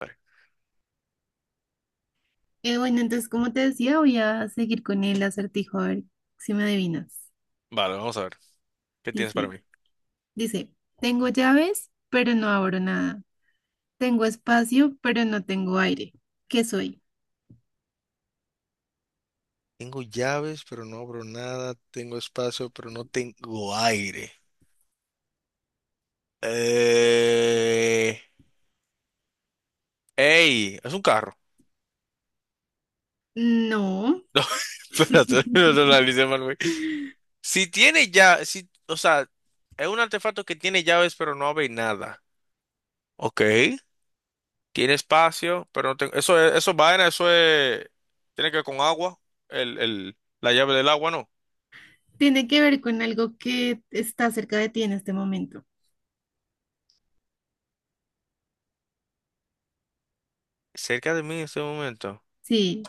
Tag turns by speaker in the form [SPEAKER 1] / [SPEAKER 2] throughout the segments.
[SPEAKER 1] Vale.
[SPEAKER 2] Bueno, entonces, como te decía, voy a seguir con el acertijo, a ver si me adivinas.
[SPEAKER 1] Vale, vamos a ver. ¿Qué tienes para
[SPEAKER 2] Dice,
[SPEAKER 1] mí?
[SPEAKER 2] dice, tengo llaves, pero no abro nada. Tengo espacio, pero no tengo aire. ¿Qué soy?
[SPEAKER 1] Tengo llaves, pero no abro nada. Tengo espacio, pero no tengo aire. Eh... ¡Ey! Es un carro.
[SPEAKER 2] No,
[SPEAKER 1] No, espérate, no lo analicé mal, güey. Si tiene ya, si, o sea, es un artefacto que tiene llaves, pero no abre nada. Ok. Tiene espacio, pero no tengo. Eso es vaina, eso es. Tiene que ver con agua. La llave del agua, ¿no?
[SPEAKER 2] tiene que ver con algo que está cerca de ti en este momento.
[SPEAKER 1] Cerca de mí en este momento.
[SPEAKER 2] Sí,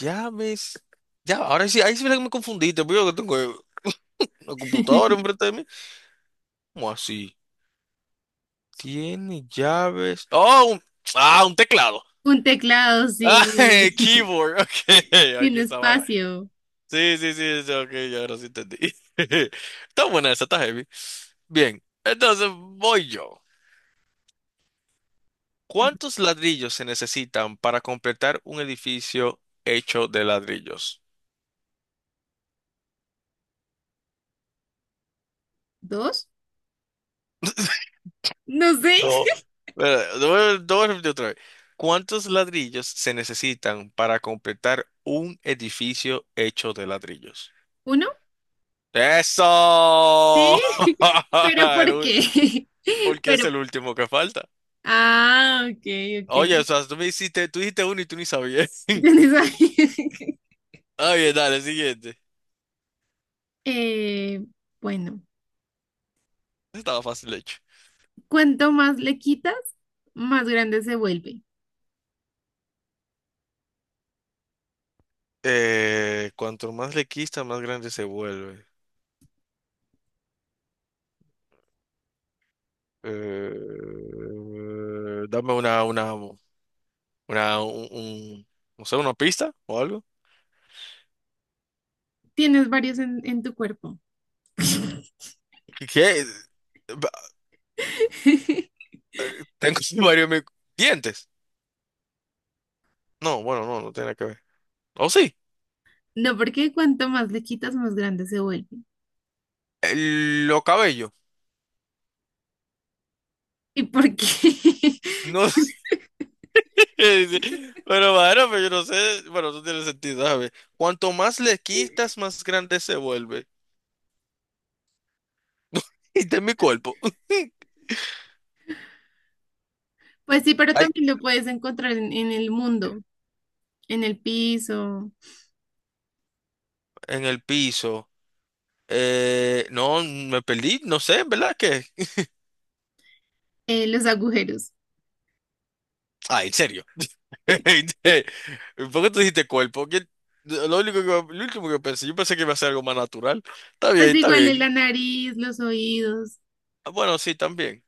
[SPEAKER 1] Ya ves. Ya, ahora sí, ahí sí me confundiste, porque yo que tengo una computadora enfrente de mí. ¿Cómo así? Tiene llaves. Ah, un teclado.
[SPEAKER 2] un teclado,
[SPEAKER 1] Ah,
[SPEAKER 2] sí.
[SPEAKER 1] keyboard. Ok, ahí
[SPEAKER 2] Tiene
[SPEAKER 1] está vaina.
[SPEAKER 2] espacio.
[SPEAKER 1] Sí, sí, sí, sí, ok, ya ahora sí entendí. Está buena esa, está heavy. Bien, entonces voy yo. ¿Cuántos ladrillos se necesitan para completar un edificio hecho de ladrillos?
[SPEAKER 2] ¿Dos? No sé.
[SPEAKER 1] No, lo voy a repetir otra vez. ¿Cuántos ladrillos se necesitan para completar un edificio hecho de ladrillos?
[SPEAKER 2] ¿Uno?
[SPEAKER 1] ¡Eso!
[SPEAKER 2] Sí. ¿Pero
[SPEAKER 1] El
[SPEAKER 2] por
[SPEAKER 1] ul-
[SPEAKER 2] qué?
[SPEAKER 1] Porque es
[SPEAKER 2] Pero,
[SPEAKER 1] el último que falta.
[SPEAKER 2] ah, ok, ok.
[SPEAKER 1] Oye, o sea, tú dijiste uno y tú ni sabías.
[SPEAKER 2] ¿Tienes ahí?
[SPEAKER 1] Ah, bien, dale, siguiente.
[SPEAKER 2] Eh, bueno,
[SPEAKER 1] Estaba fácil hecho.
[SPEAKER 2] cuanto más le quitas, más grande se vuelve.
[SPEAKER 1] Cuanto más le quita, más grande se vuelve. Eh, dame una, un, un- no sé, una pista o algo.
[SPEAKER 2] Tienes varios en tu cuerpo.
[SPEAKER 1] ¿Qué? ¿qué? Ba- Tengo varios mi- dientes. No, bueno, no, no tiene que ver. ¿O sí?
[SPEAKER 2] No, porque cuanto más le quitas, más grande se vuelve.
[SPEAKER 1] Los cabellos.
[SPEAKER 2] ¿Y por qué?
[SPEAKER 1] No sé. Pero bueno, bueno, pero yo no sé. Bueno, eso tiene sentido, ¿sabes? Cuanto más le quitas, más grande se vuelve. Y de mi cuerpo.
[SPEAKER 2] Pues sí, pero
[SPEAKER 1] Ay,
[SPEAKER 2] también lo puedes encontrar en el mundo, en el piso,
[SPEAKER 1] en el piso. No, me perdí. No sé, ¿verdad? ¿Qué?
[SPEAKER 2] en los agujeros.
[SPEAKER 1] Ah, en serio. ¿Por qué tú dijiste cuerpo? Lo único que, lo último que pensé, yo pensé que iba a ser algo más natural. Está bien,
[SPEAKER 2] Pues
[SPEAKER 1] está
[SPEAKER 2] igual en
[SPEAKER 1] bien.
[SPEAKER 2] la nariz, los oídos.
[SPEAKER 1] Ah, bueno, sí, también.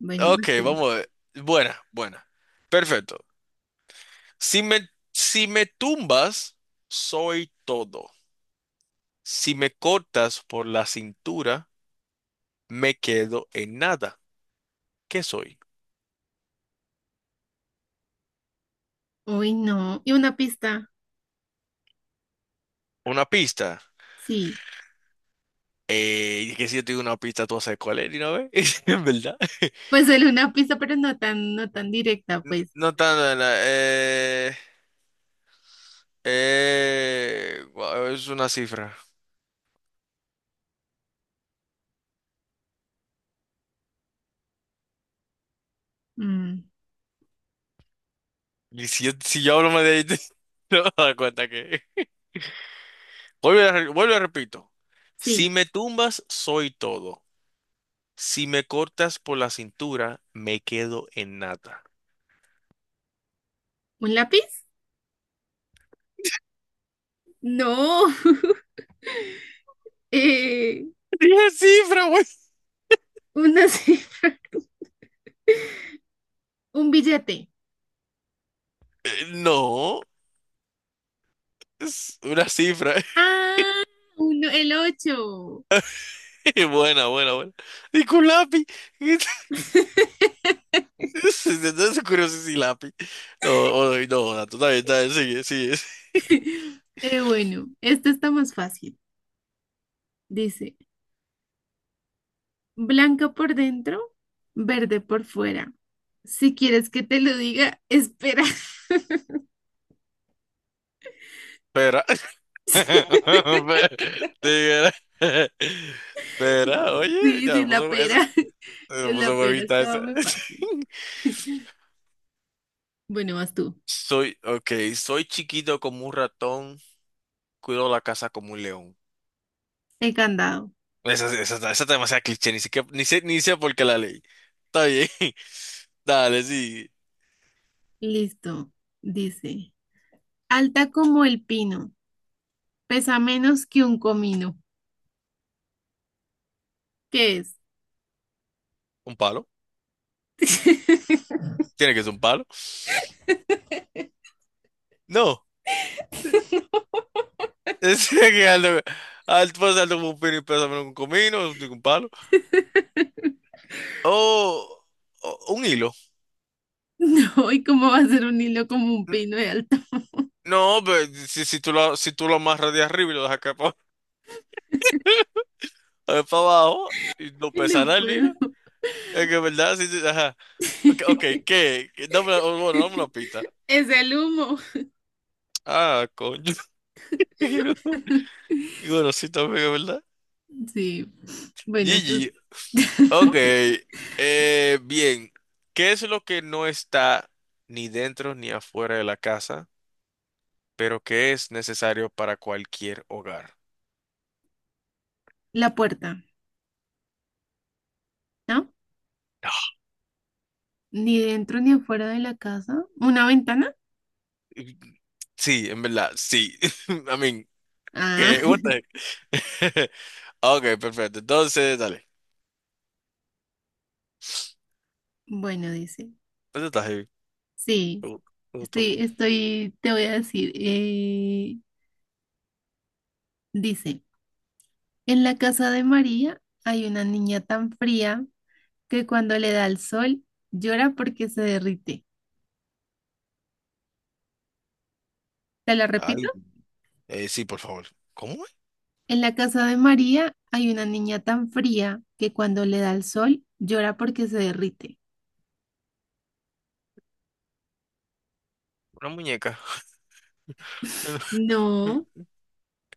[SPEAKER 2] Bueno,
[SPEAKER 1] Ok,
[SPEAKER 2] pues, tú.
[SPEAKER 1] vamos a ver. Buena, buena. Perfecto. Si me tumbas, soy todo. Si me cortas por la cintura, me quedo en nada. ¿Qué soy?
[SPEAKER 2] Uy, no. Y una pista,
[SPEAKER 1] Una pista.
[SPEAKER 2] sí.
[SPEAKER 1] Que si yo te digo una pista, tú sabes cuál es, ¿no ves? ¿En verdad?
[SPEAKER 2] Pues solo una pista, pero no tan directa, pues.
[SPEAKER 1] No tan... no, no, guau, es una cifra.
[SPEAKER 2] Mm,
[SPEAKER 1] Si yo hablo más de ahí, te vas a dar cuenta que... vuelvo y repito.
[SPEAKER 2] sí.
[SPEAKER 1] Si me tumbas, soy todo. Si me cortas por la cintura, me quedo en nada.
[SPEAKER 2] ¿Un lápiz? No. Eh,
[SPEAKER 1] Dije cifra, güey.
[SPEAKER 2] una cifra. Un billete.
[SPEAKER 1] No, es una cifra.
[SPEAKER 2] Ah, uno, el ocho.
[SPEAKER 1] Buena, buena, buena. Y con lápiz. Entonces, curioso si lápiz. No, no, no, no, tú también, está bien, sigue, sigue.
[SPEAKER 2] Bueno, esto está más fácil. Dice, blanca por dentro, verde por fuera. Si quieres que te lo diga, espera.
[SPEAKER 1] Espera. Te Espera, oye,
[SPEAKER 2] Sí,
[SPEAKER 1] ya
[SPEAKER 2] sí,
[SPEAKER 1] me
[SPEAKER 2] la
[SPEAKER 1] puso,
[SPEAKER 2] pera.
[SPEAKER 1] me
[SPEAKER 2] Es la
[SPEAKER 1] puso
[SPEAKER 2] pera,
[SPEAKER 1] huevita
[SPEAKER 2] estaba
[SPEAKER 1] esa.
[SPEAKER 2] muy fácil. Bueno, vas tú.
[SPEAKER 1] Soy chiquito como un ratón, cuido la casa como un león.
[SPEAKER 2] El candado.
[SPEAKER 1] Esa está demasiado cliché, ni siquiera, ni sé, ni sé por qué la leí. Está bien. Dale, sí.
[SPEAKER 2] Listo. Dice, alta como el pino, pesa menos que un comino. ¿Qué es?
[SPEAKER 1] ¿Un palo? ¿Tiene que ser un palo? No. Es que alto, alto, pues, alto como un pino y pésame un comino, un palo. O, o un hilo.
[SPEAKER 2] No, ¿y cómo va a ser un hilo como un pino de alto?
[SPEAKER 1] No, pero si, si tú lo amarras de arriba y lo dejas acá para, abajo y no
[SPEAKER 2] No
[SPEAKER 1] pesa nada el
[SPEAKER 2] puedo.
[SPEAKER 1] hilo, es que verdad, sí, sí, ajá. Ok, okay, ¿qué? ¿Qué? Dame una pista.
[SPEAKER 2] Es el humo.
[SPEAKER 1] Ah, coño. Y bueno, sí, también es verdad.
[SPEAKER 2] Sí. Bueno, entonces,
[SPEAKER 1] Gigi, ok. Bien, ¿qué es lo que no está ni dentro ni afuera de la casa, pero que es necesario para cualquier hogar?
[SPEAKER 2] la puerta, ¿no? Ni dentro ni afuera de la casa. ¿Una ventana?
[SPEAKER 1] Y- Sí, en verdad, sí. I mean,
[SPEAKER 2] Ah,
[SPEAKER 1] ¿qué? What the heck? Ok, perfecto. Entonces, dale.
[SPEAKER 2] bueno, dice.
[SPEAKER 1] ¿Dónde estás, Javi?
[SPEAKER 2] Sí,
[SPEAKER 1] Pregun- Preguntó.
[SPEAKER 2] estoy, estoy, te voy a decir. Dice, en la casa de María hay una niña tan fría que cuando le da el sol llora porque se derrite. ¿Te lo repito?
[SPEAKER 1] Ay, sí, por favor. ¿Cómo es?
[SPEAKER 2] En la casa de María hay una niña tan fría que cuando le da el sol llora porque se derrite.
[SPEAKER 1] Una muñeca.
[SPEAKER 2] No,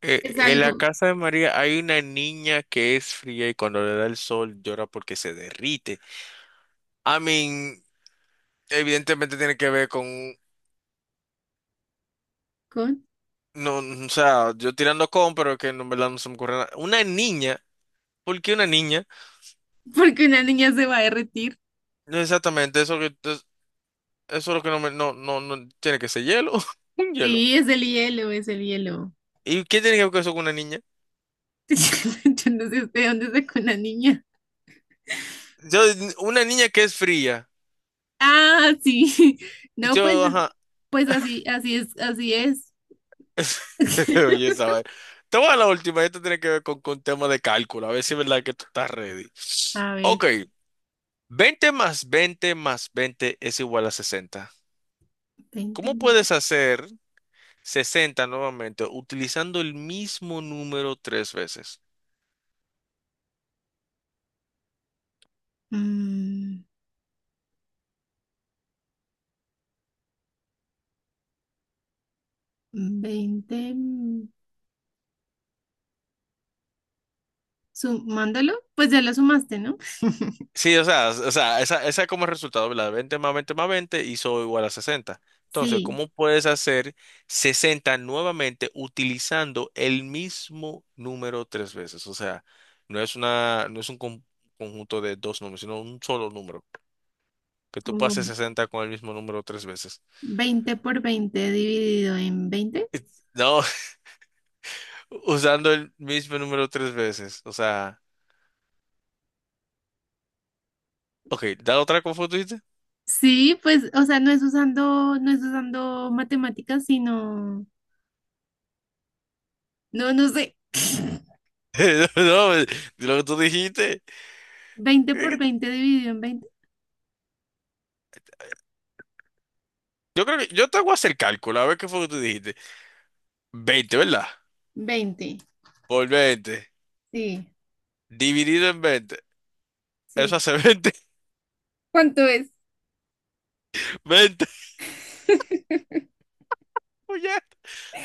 [SPEAKER 1] Eh,
[SPEAKER 2] es
[SPEAKER 1] en la
[SPEAKER 2] algo
[SPEAKER 1] casa de María hay una niña que es fría y cuando le da el sol llora porque se derrite. I mean, evidentemente tiene que ver con,
[SPEAKER 2] con.
[SPEAKER 1] no, o sea, yo tirando con, pero que no, en verdad no se me ocurre nada. Una niña, ¿por qué una niña?
[SPEAKER 2] Porque una niña se va a derretir.
[SPEAKER 1] No exactamente, eso es lo que no me, no, no, no tiene que ser hielo, un hielo.
[SPEAKER 2] Sí, es el hielo, es el hielo.
[SPEAKER 1] ¿Y qué tiene que ver eso con una niña?
[SPEAKER 2] Yo no sé de dónde sacó una niña.
[SPEAKER 1] Yo, una niña que es fría.
[SPEAKER 2] Ah, sí.
[SPEAKER 1] Y
[SPEAKER 2] No, pues,
[SPEAKER 1] yo, ajá.
[SPEAKER 2] pues así, así es, así es.
[SPEAKER 1] Oye, esa vaina. Te voy a la última, esto tiene que ver con tema de cálculo, a ver si es verdad que tú estás ready.
[SPEAKER 2] A ver,
[SPEAKER 1] Ok, 20 más 20 más 20 es igual a 60.
[SPEAKER 2] 20,
[SPEAKER 1] ¿Cómo puedes hacer 60 nuevamente utilizando el mismo número tres veces?
[SPEAKER 2] mm, 20. Sumándolo, pues ya lo sumaste, ¿no?
[SPEAKER 1] Sí, o sea, esa como resultado, ¿verdad? 20 más 20, más 20 hizo igual a 60. Entonces,
[SPEAKER 2] Sí,
[SPEAKER 1] ¿cómo puedes hacer 60 nuevamente utilizando el mismo número tres veces? O sea, no es un conjunto de dos números, sino un solo número. Que tú pases
[SPEAKER 2] como
[SPEAKER 1] 60 con el mismo número tres veces.
[SPEAKER 2] 20 por 20 dividido en 20.
[SPEAKER 1] Eh, No, usando el mismo número tres veces. O sea, ok, da otra como tú dijiste.
[SPEAKER 2] Sí, pues, o sea, no es usando matemáticas, sino, no, no sé.
[SPEAKER 1] No, lo que tú dijiste.
[SPEAKER 2] Veinte por 20 dividido en veinte,
[SPEAKER 1] Yo creo que yo te hago hacer el cálculo, a ver qué fue lo que tú dijiste. 20, ¿verdad?
[SPEAKER 2] veinte.
[SPEAKER 1] Por 20
[SPEAKER 2] Sí,
[SPEAKER 1] dividido en 20. Eso
[SPEAKER 2] sí.
[SPEAKER 1] hace 20,
[SPEAKER 2] ¿Cuánto es?
[SPEAKER 1] 20. Oye,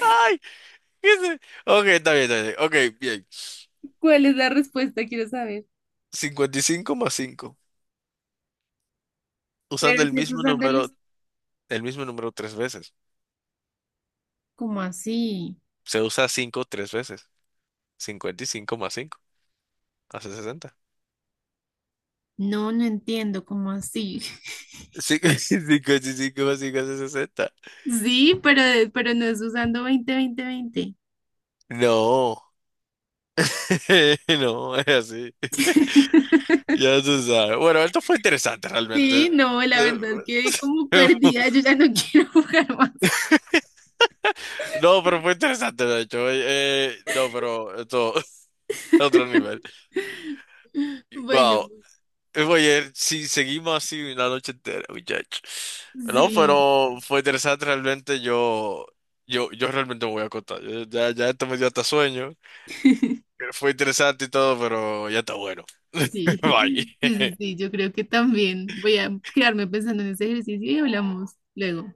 [SPEAKER 1] ay, qué sé. Ok, está bien, está bien. Ok, bien.
[SPEAKER 2] ¿Cuál es la respuesta? Quiero saber.
[SPEAKER 1] 55 más 5,
[SPEAKER 2] Pero
[SPEAKER 1] usando
[SPEAKER 2] si es usándolos,
[SPEAKER 1] el mismo número tres veces.
[SPEAKER 2] como así?
[SPEAKER 1] Se usa cinco tres veces. 55 más 5 hace 60.
[SPEAKER 2] No, no entiendo, ¿cómo así?
[SPEAKER 1] Sí, 55 más 5 hace 60.
[SPEAKER 2] Sí, pero no es usando veinte, veinte, veinte.
[SPEAKER 1] No, no, es así. Ya se sabe. Bueno, esto fue interesante realmente.
[SPEAKER 2] Sí, no, la
[SPEAKER 1] Eh,
[SPEAKER 2] verdad quedé como perdida, yo ya no quiero jugar más.
[SPEAKER 1] no, pero fue interesante, de hecho. No, pero esto otro nivel.
[SPEAKER 2] Bueno,
[SPEAKER 1] Wow. Oye, si seguimos así una noche entera, muchacho. No,
[SPEAKER 2] sí,
[SPEAKER 1] pero fue interesante realmente. Yo realmente me voy a contar. Ya, ya esto me dio hasta sueño.
[SPEAKER 2] sí,
[SPEAKER 1] Fue interesante y todo, pero ya está bueno.
[SPEAKER 2] sí, sí,
[SPEAKER 1] Bye.
[SPEAKER 2] sí, yo creo que también voy a quedarme pensando en ese ejercicio y hablamos luego.